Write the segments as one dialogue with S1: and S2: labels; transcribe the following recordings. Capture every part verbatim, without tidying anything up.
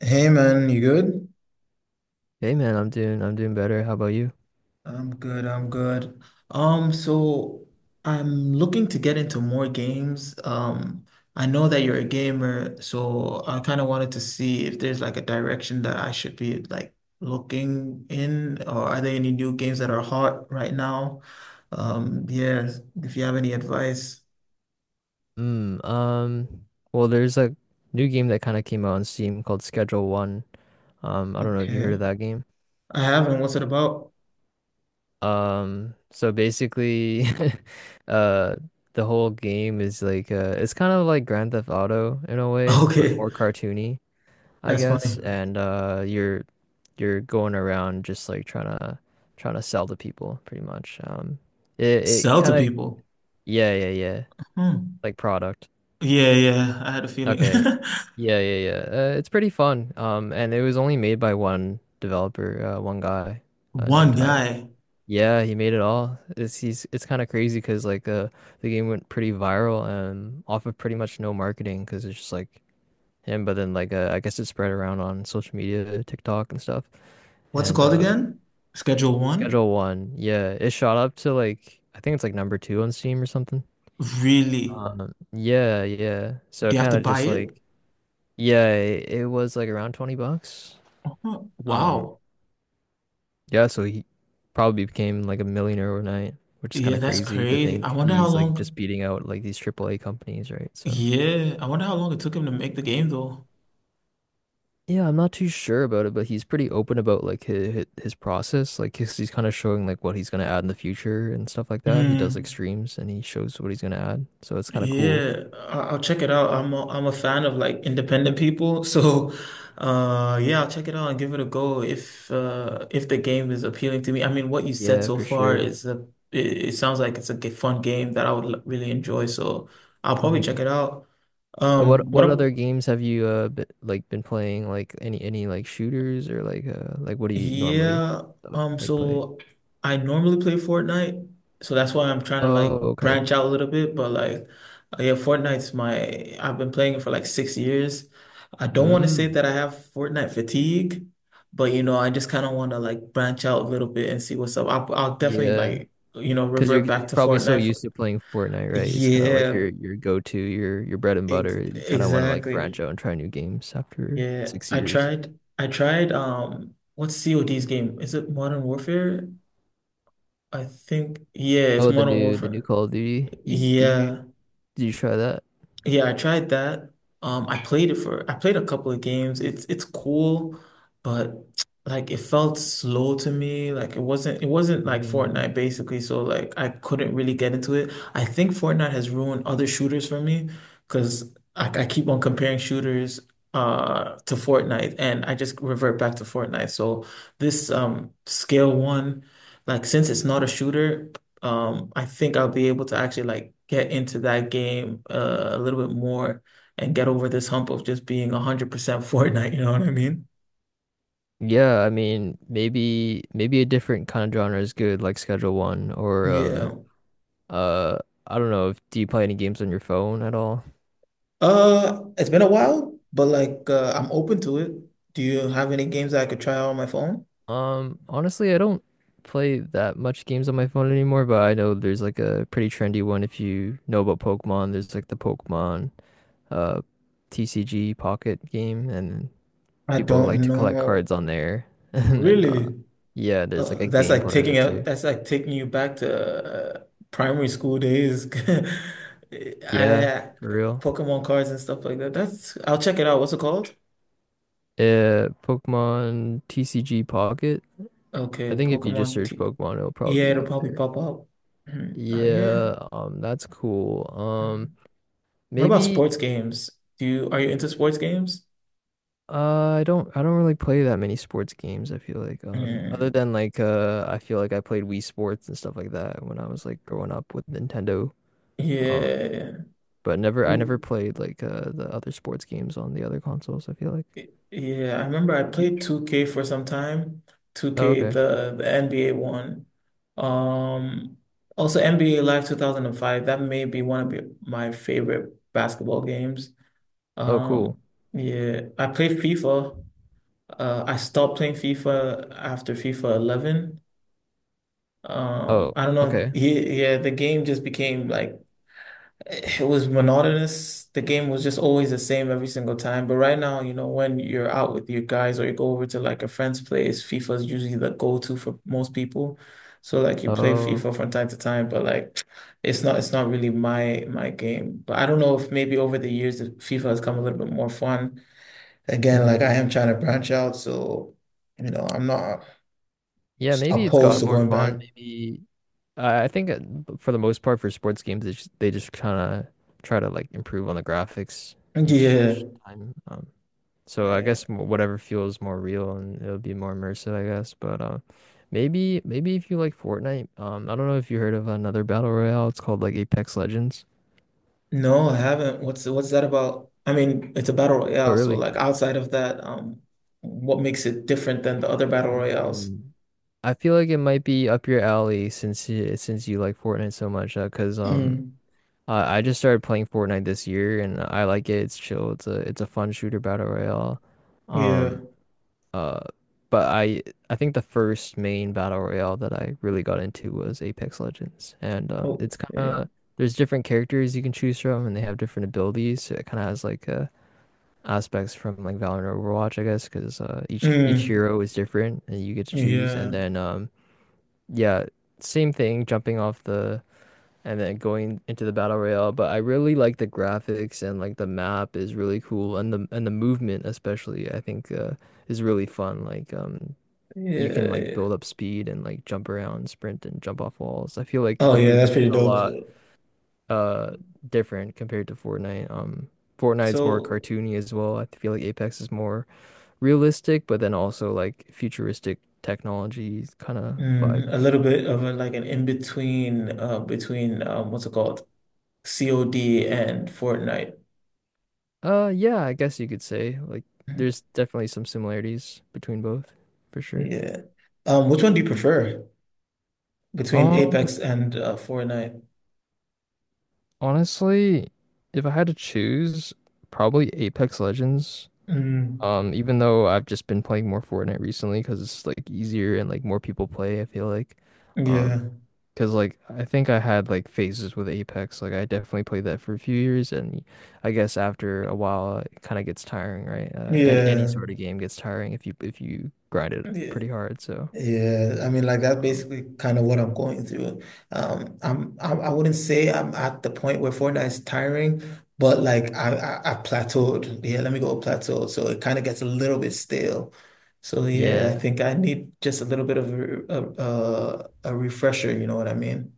S1: Hey man, you good?
S2: Hey man, I'm doing I'm doing better. How about you?
S1: I'm good, I'm good. Um, so I'm looking to get into more games. Um, I know that you're a gamer, so I kind of wanted to see if there's like a direction that I should be like looking in, or are there any new games that are hot right now? Um, yeah, if you have any advice.
S2: Mm, um, well, there's a new game that kind of came out on Steam called Schedule One. Um, I don't know if you heard of
S1: Okay.
S2: that game.
S1: I haven't. What's it about?
S2: Um, so basically, uh, the whole game is like uh, it's kind of like Grand Theft Auto in a way, but
S1: Okay,
S2: more cartoony. I
S1: that's
S2: guess,
S1: funny.
S2: and uh, you're you're going around just like trying to trying to sell to people, pretty much. Um, it it
S1: Sell to
S2: kind of
S1: people.
S2: yeah, yeah, yeah,
S1: Hmm.
S2: like product.
S1: Yeah, yeah, I had a feeling.
S2: Okay, yeah, yeah, yeah. Uh, it's pretty fun. Um, and it was only made by one developer, uh, one guy, uh, named
S1: One
S2: Tyler.
S1: guy.
S2: Yeah, he made it all. It's he's it's kind of crazy because like uh the game went pretty viral um off of pretty much no marketing because it's just like him, but then like uh, I guess it spread around on social media, TikTok and stuff.
S1: What's it
S2: And
S1: called
S2: uh
S1: again? Schedule one?
S2: Schedule One, yeah, it shot up to like I think it's like number two on Steam or something.
S1: Really?
S2: Um, yeah, yeah. So
S1: Do you have
S2: kind
S1: to
S2: of
S1: buy
S2: just
S1: it?
S2: like yeah, it, it was like around twenty bucks.
S1: Huh,
S2: Um,
S1: wow.
S2: yeah, so he probably became like a millionaire overnight, which is kind
S1: Yeah,
S2: of
S1: that's
S2: crazy to
S1: crazy. I
S2: think
S1: wonder how
S2: he's like just
S1: long.
S2: beating out like these triple A companies, right? So
S1: Yeah, I wonder how long it took him to make the game though.
S2: yeah, I'm not too sure about it, but he's pretty open about like his his process. Like he's, he's kind of showing like what he's gonna add in the future and stuff like that. He does
S1: Mm,
S2: like streams and he shows what he's gonna add, so it's kind of cool.
S1: yeah, I- I'll check it out. I'm a, I'm a fan of like independent people, so uh yeah, I'll check it out and give it a go if uh if the game is appealing to me. I mean, what you said
S2: Yeah,
S1: so
S2: for
S1: far
S2: sure.
S1: is a it, it sounds like it's a g- fun game that I would l- really enjoy, so I'll probably check
S2: hmm
S1: it out.
S2: What
S1: Um, what
S2: what other
S1: up?
S2: games have you uh been, like been playing? Like any any like shooters or like uh like what do you normally
S1: Yeah.
S2: uh,
S1: Um,
S2: like play?
S1: so I normally play Fortnite, so that's why I'm trying to like
S2: Oh, okay.
S1: branch out a little bit. But like, uh, yeah, Fortnite's my I've been playing it for like six years. I don't want to say
S2: Mm.
S1: that I have Fortnite fatigue, but you know, I just kind of want to like branch out a little bit and see what's up. I'll, I'll definitely
S2: Yeah.
S1: like you know
S2: Because you're
S1: revert back
S2: you're
S1: to
S2: probably so
S1: Fortnite. For,
S2: used to playing Fortnite, right? It's kind of like
S1: yeah,
S2: your your go-to, your your bread and
S1: ex
S2: butter. You kind of want to like branch
S1: exactly.
S2: out and try new games after
S1: Yeah,
S2: six
S1: I
S2: years.
S1: tried. I tried. Um, what's C O D's game? Is it Modern Warfare? I think. Yeah, it's
S2: Oh, the
S1: Modern
S2: new the new
S1: Warfare.
S2: Call of Duty. You, did you
S1: Yeah,
S2: did you try that?
S1: yeah, I tried that. Um, I played it for I played a couple of games. It's it's cool, but like it felt slow to me. Like it wasn't it wasn't like
S2: Mm,
S1: Fortnite basically, so like I couldn't really get into it. I think Fortnite has ruined other shooters for me because I, I keep on comparing shooters uh to Fortnite and I just revert back to Fortnite. So this um Scale One, like since it's not a shooter, um, I think I'll be able to actually like get into that game, uh, a little bit more and get over this hump of just being one hundred percent Fortnite, you know what I mean?
S2: yeah, I mean maybe maybe a different kind of genre is good, like Schedule One or um
S1: Yeah.
S2: uh I don't know if do you play any games on your phone at all?
S1: Uh, it's been a while, but like uh, I'm open to it. Do you have any games that I could try out on my phone?
S2: Um, honestly, I don't play that much games on my phone anymore, but I know there's like a pretty trendy one if you know about Pokemon. There's like the Pokemon uh T C G Pocket game, and
S1: I
S2: people like
S1: don't
S2: to collect
S1: know.
S2: cards on there. And then uh
S1: Really?
S2: Yeah, there's like
S1: Uh,
S2: a
S1: that's
S2: game
S1: like
S2: part of
S1: taking
S2: it
S1: out.
S2: too.
S1: That's like taking you back to uh, primary school days.
S2: Yeah,
S1: I
S2: for real.
S1: Pokemon cards and stuff like that. That's I'll check it out. What's it called?
S2: Uh, Pokemon T C G Pocket. I
S1: Okay,
S2: think if you just
S1: Pokemon
S2: search
S1: T.
S2: Pokemon, it'll
S1: Yeah,
S2: probably be
S1: it'll
S2: up
S1: probably
S2: there.
S1: pop up. Mm, uh, yeah.
S2: Yeah, um, that's cool. Um,
S1: Mm. What about
S2: maybe
S1: sports games? Do you are you into sports games?
S2: Uh, I don't I don't really play that many sports games, I feel like. Um, other
S1: Mm,
S2: than like uh I feel like I played Wii Sports and stuff like that when I was like growing up with Nintendo. Um,
S1: yeah.
S2: but never I never
S1: Ooh,
S2: played like uh the other sports games on the other consoles, I feel like.
S1: yeah, I remember I
S2: Have you?
S1: played two K for some time.
S2: Oh,
S1: two K,
S2: okay.
S1: the the N B A one. Um, also N B A Live two thousand five. That may be one of the- my favorite basketball games.
S2: Oh, cool.
S1: Um, yeah, I played FIFA. Uh, I stopped playing FIFA after FIFA eleven. Um,
S2: Oh,
S1: I don't know.
S2: okay.
S1: He, yeah, the game just became like it was monotonous. The game was just always the same every single time. But right now, you know, when you're out with your guys or you go over to like a friend's place, FIFA is usually the go-to for most people. So like you play
S2: Oh.
S1: FIFA from time to time, but like it's not it's not really my my game. But I don't know if maybe over the years that FIFA has come a little bit more fun. Again, like I
S2: hmm
S1: am trying to branch out, so you know, I'm not
S2: Yeah, maybe it's
S1: opposed
S2: got
S1: to
S2: more
S1: going back.
S2: fun. Maybe I I think uh, for the most part for sports games, they just, they just kind of try to like improve on the graphics each
S1: Yeah.
S2: each time. Um, so I
S1: Yeah.
S2: guess m- whatever feels more real and it'll be more immersive, I guess. But uh, maybe maybe if you like Fortnite, um, I don't know if you heard of another battle royale. It's called like Apex Legends.
S1: No, I haven't. What's what's that about? I mean, it's a battle
S2: Oh,
S1: royale, so
S2: really?
S1: like outside of that, um, what makes it different than the other battle royales?
S2: Mm. I feel like it might be up your alley since you, since you like Fortnite so much, uh, 'cause um
S1: Mm,
S2: Uh, I just started playing Fortnite this year and I like it. It's chill. It's a it's a fun shooter battle royale.
S1: yeah.
S2: Um uh but I I think the first main battle royale that I really got into was Apex Legends. And um it's kind
S1: Okay.
S2: of there's different characters you can choose from and they have different abilities. So it kind of has like uh aspects from like Valorant or Overwatch, I guess, 'cause uh each each
S1: Mm,
S2: hero is different and you get to choose,
S1: yeah.
S2: and then um yeah, same thing jumping off the and then going into the battle royale. But I really like the graphics and like the map is really cool, and the and the movement especially I think uh, is really fun. Like um you can
S1: Yeah,
S2: like
S1: yeah.
S2: build up speed and like jump around, sprint and jump off walls. I feel like
S1: Oh
S2: the
S1: yeah, that's
S2: movement
S1: pretty
S2: a
S1: dope.
S2: lot uh different compared to Fortnite. Um Fortnite's more
S1: So,
S2: cartoony as well. I feel like Apex is more realistic, but then also like futuristic technology kind of vibe.
S1: mm, a little bit of a, like an in between, uh, between um, what's it called? C O D and Fortnite.
S2: Uh, yeah, I guess you could say like there's definitely some similarities between both, for sure.
S1: Yeah. Um, which one do you prefer between
S2: Um,
S1: Apex and uh, Fortnite?
S2: Honestly, if I had to choose, probably Apex Legends.
S1: Mm,
S2: Um, even though I've just been playing more Fortnite recently because it's like easier and like more people play, I feel like.
S1: yeah.
S2: Um, because like I think I had like phases with Apex. Like I definitely played that for a few years, and I guess after a while it kind of gets tiring, right? Uh, and any
S1: Yeah,
S2: sort of game gets tiring if you if you grind it
S1: yeah,
S2: pretty hard, so.
S1: yeah. I mean, like that's
S2: Um,
S1: basically kind of what I'm going through. Um, I'm, I, I wouldn't say I'm at the point where Fortnite is tiring, but like I, I, I plateaued. Yeah, let me go plateau. So it kind of gets a little bit stale. So yeah, I
S2: yeah,
S1: think I need just a little bit of a, a, a refresher. You know what I mean?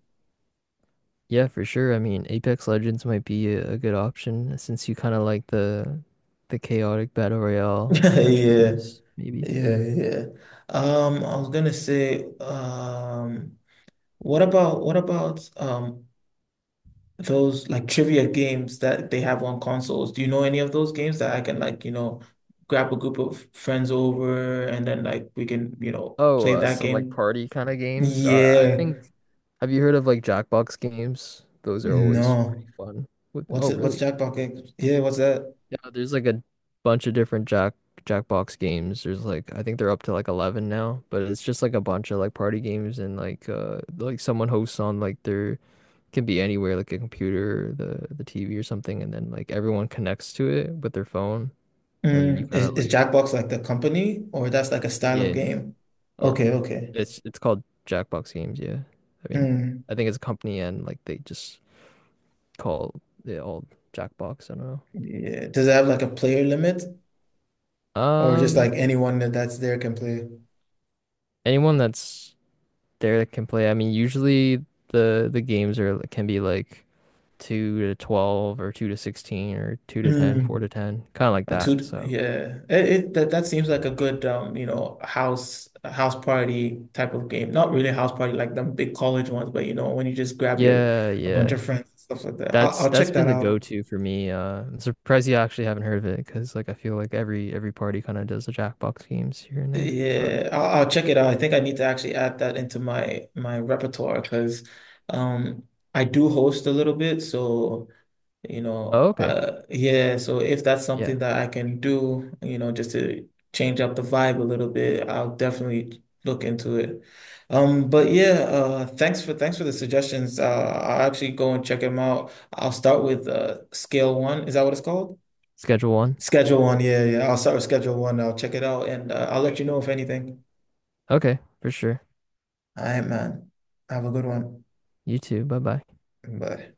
S2: yeah, for sure. I mean, Apex Legends might be a, a good option since you kind of like the the chaotic battle royale kind of
S1: Yeah,
S2: shooters, maybe.
S1: yeah, yeah. Um, I was gonna say, um, what about what about um those like trivia games that they have on consoles. Do you know any of those games that I can like, you know, grab a group of friends over and then like we can, you know,
S2: Oh,
S1: play
S2: uh,
S1: that
S2: some like
S1: game?
S2: party kind of games. Uh, I
S1: Yeah.
S2: think. Have you heard of like Jackbox games? Those are always
S1: No.
S2: pretty fun. What,
S1: What's
S2: oh,
S1: it? What's
S2: really?
S1: Jackbox games? Yeah, what's that?
S2: Yeah, there's like a bunch of different Jack Jackbox games. There's like I think they're up to like eleven now, but it's just like a bunch of like party games and like uh like someone hosts on like their can be anywhere, like a computer, the the T V or something, and then like everyone connects to it with their phone, and then you
S1: Mm,
S2: kind
S1: is,
S2: of
S1: is
S2: like
S1: Jackbox like the company or that's like a style of
S2: yeah,
S1: game?
S2: or
S1: Okay, okay.
S2: it's it's called Jackbox Games. Yeah, I mean,
S1: Mm,
S2: I think it's a company, and like they just call it all Jackbox. I don't
S1: yeah. Does it have like a player limit
S2: know.
S1: or just like
S2: Um,
S1: anyone that that's there can play?
S2: anyone that's there that can play. I mean, usually the the games are like, can be like two to twelve or two to sixteen or two to ten, four
S1: Mm.
S2: to ten, kind of like
S1: Oh,
S2: that.
S1: two,
S2: So,
S1: yeah. It, it that that seems like a good, um, you know, house house party type of game. Not really a house party like them big college ones, but you know, when you just grab your
S2: yeah,
S1: a bunch
S2: yeah.
S1: of friends and stuff like that. I'll,
S2: That's
S1: I'll
S2: that's
S1: check
S2: been
S1: that
S2: the
S1: out.
S2: go-to for me. Uh, I'm surprised you actually haven't heard of it because like I feel like every every party kind of does the Jackbox games here and there. But
S1: Yeah, I'll, I'll check it out. I think I need to actually add that into my my repertoire because um I do host a little bit, so you know,
S2: oh, okay,
S1: uh, yeah, so if that's
S2: yeah,
S1: something that I can do, you know, just to change up the vibe a little bit, I'll definitely look into it. Um, but yeah, uh, thanks for thanks for the suggestions. Uh, I'll actually go and check them out. I'll start with uh, scale one. Is that what it's called?
S2: Schedule One.
S1: Schedule one. Yeah, yeah. I'll start with schedule one. I'll check it out and uh, I'll let you know if anything.
S2: Okay, for sure.
S1: All right, man. Have a good one.
S2: You too. Bye bye.
S1: Bye.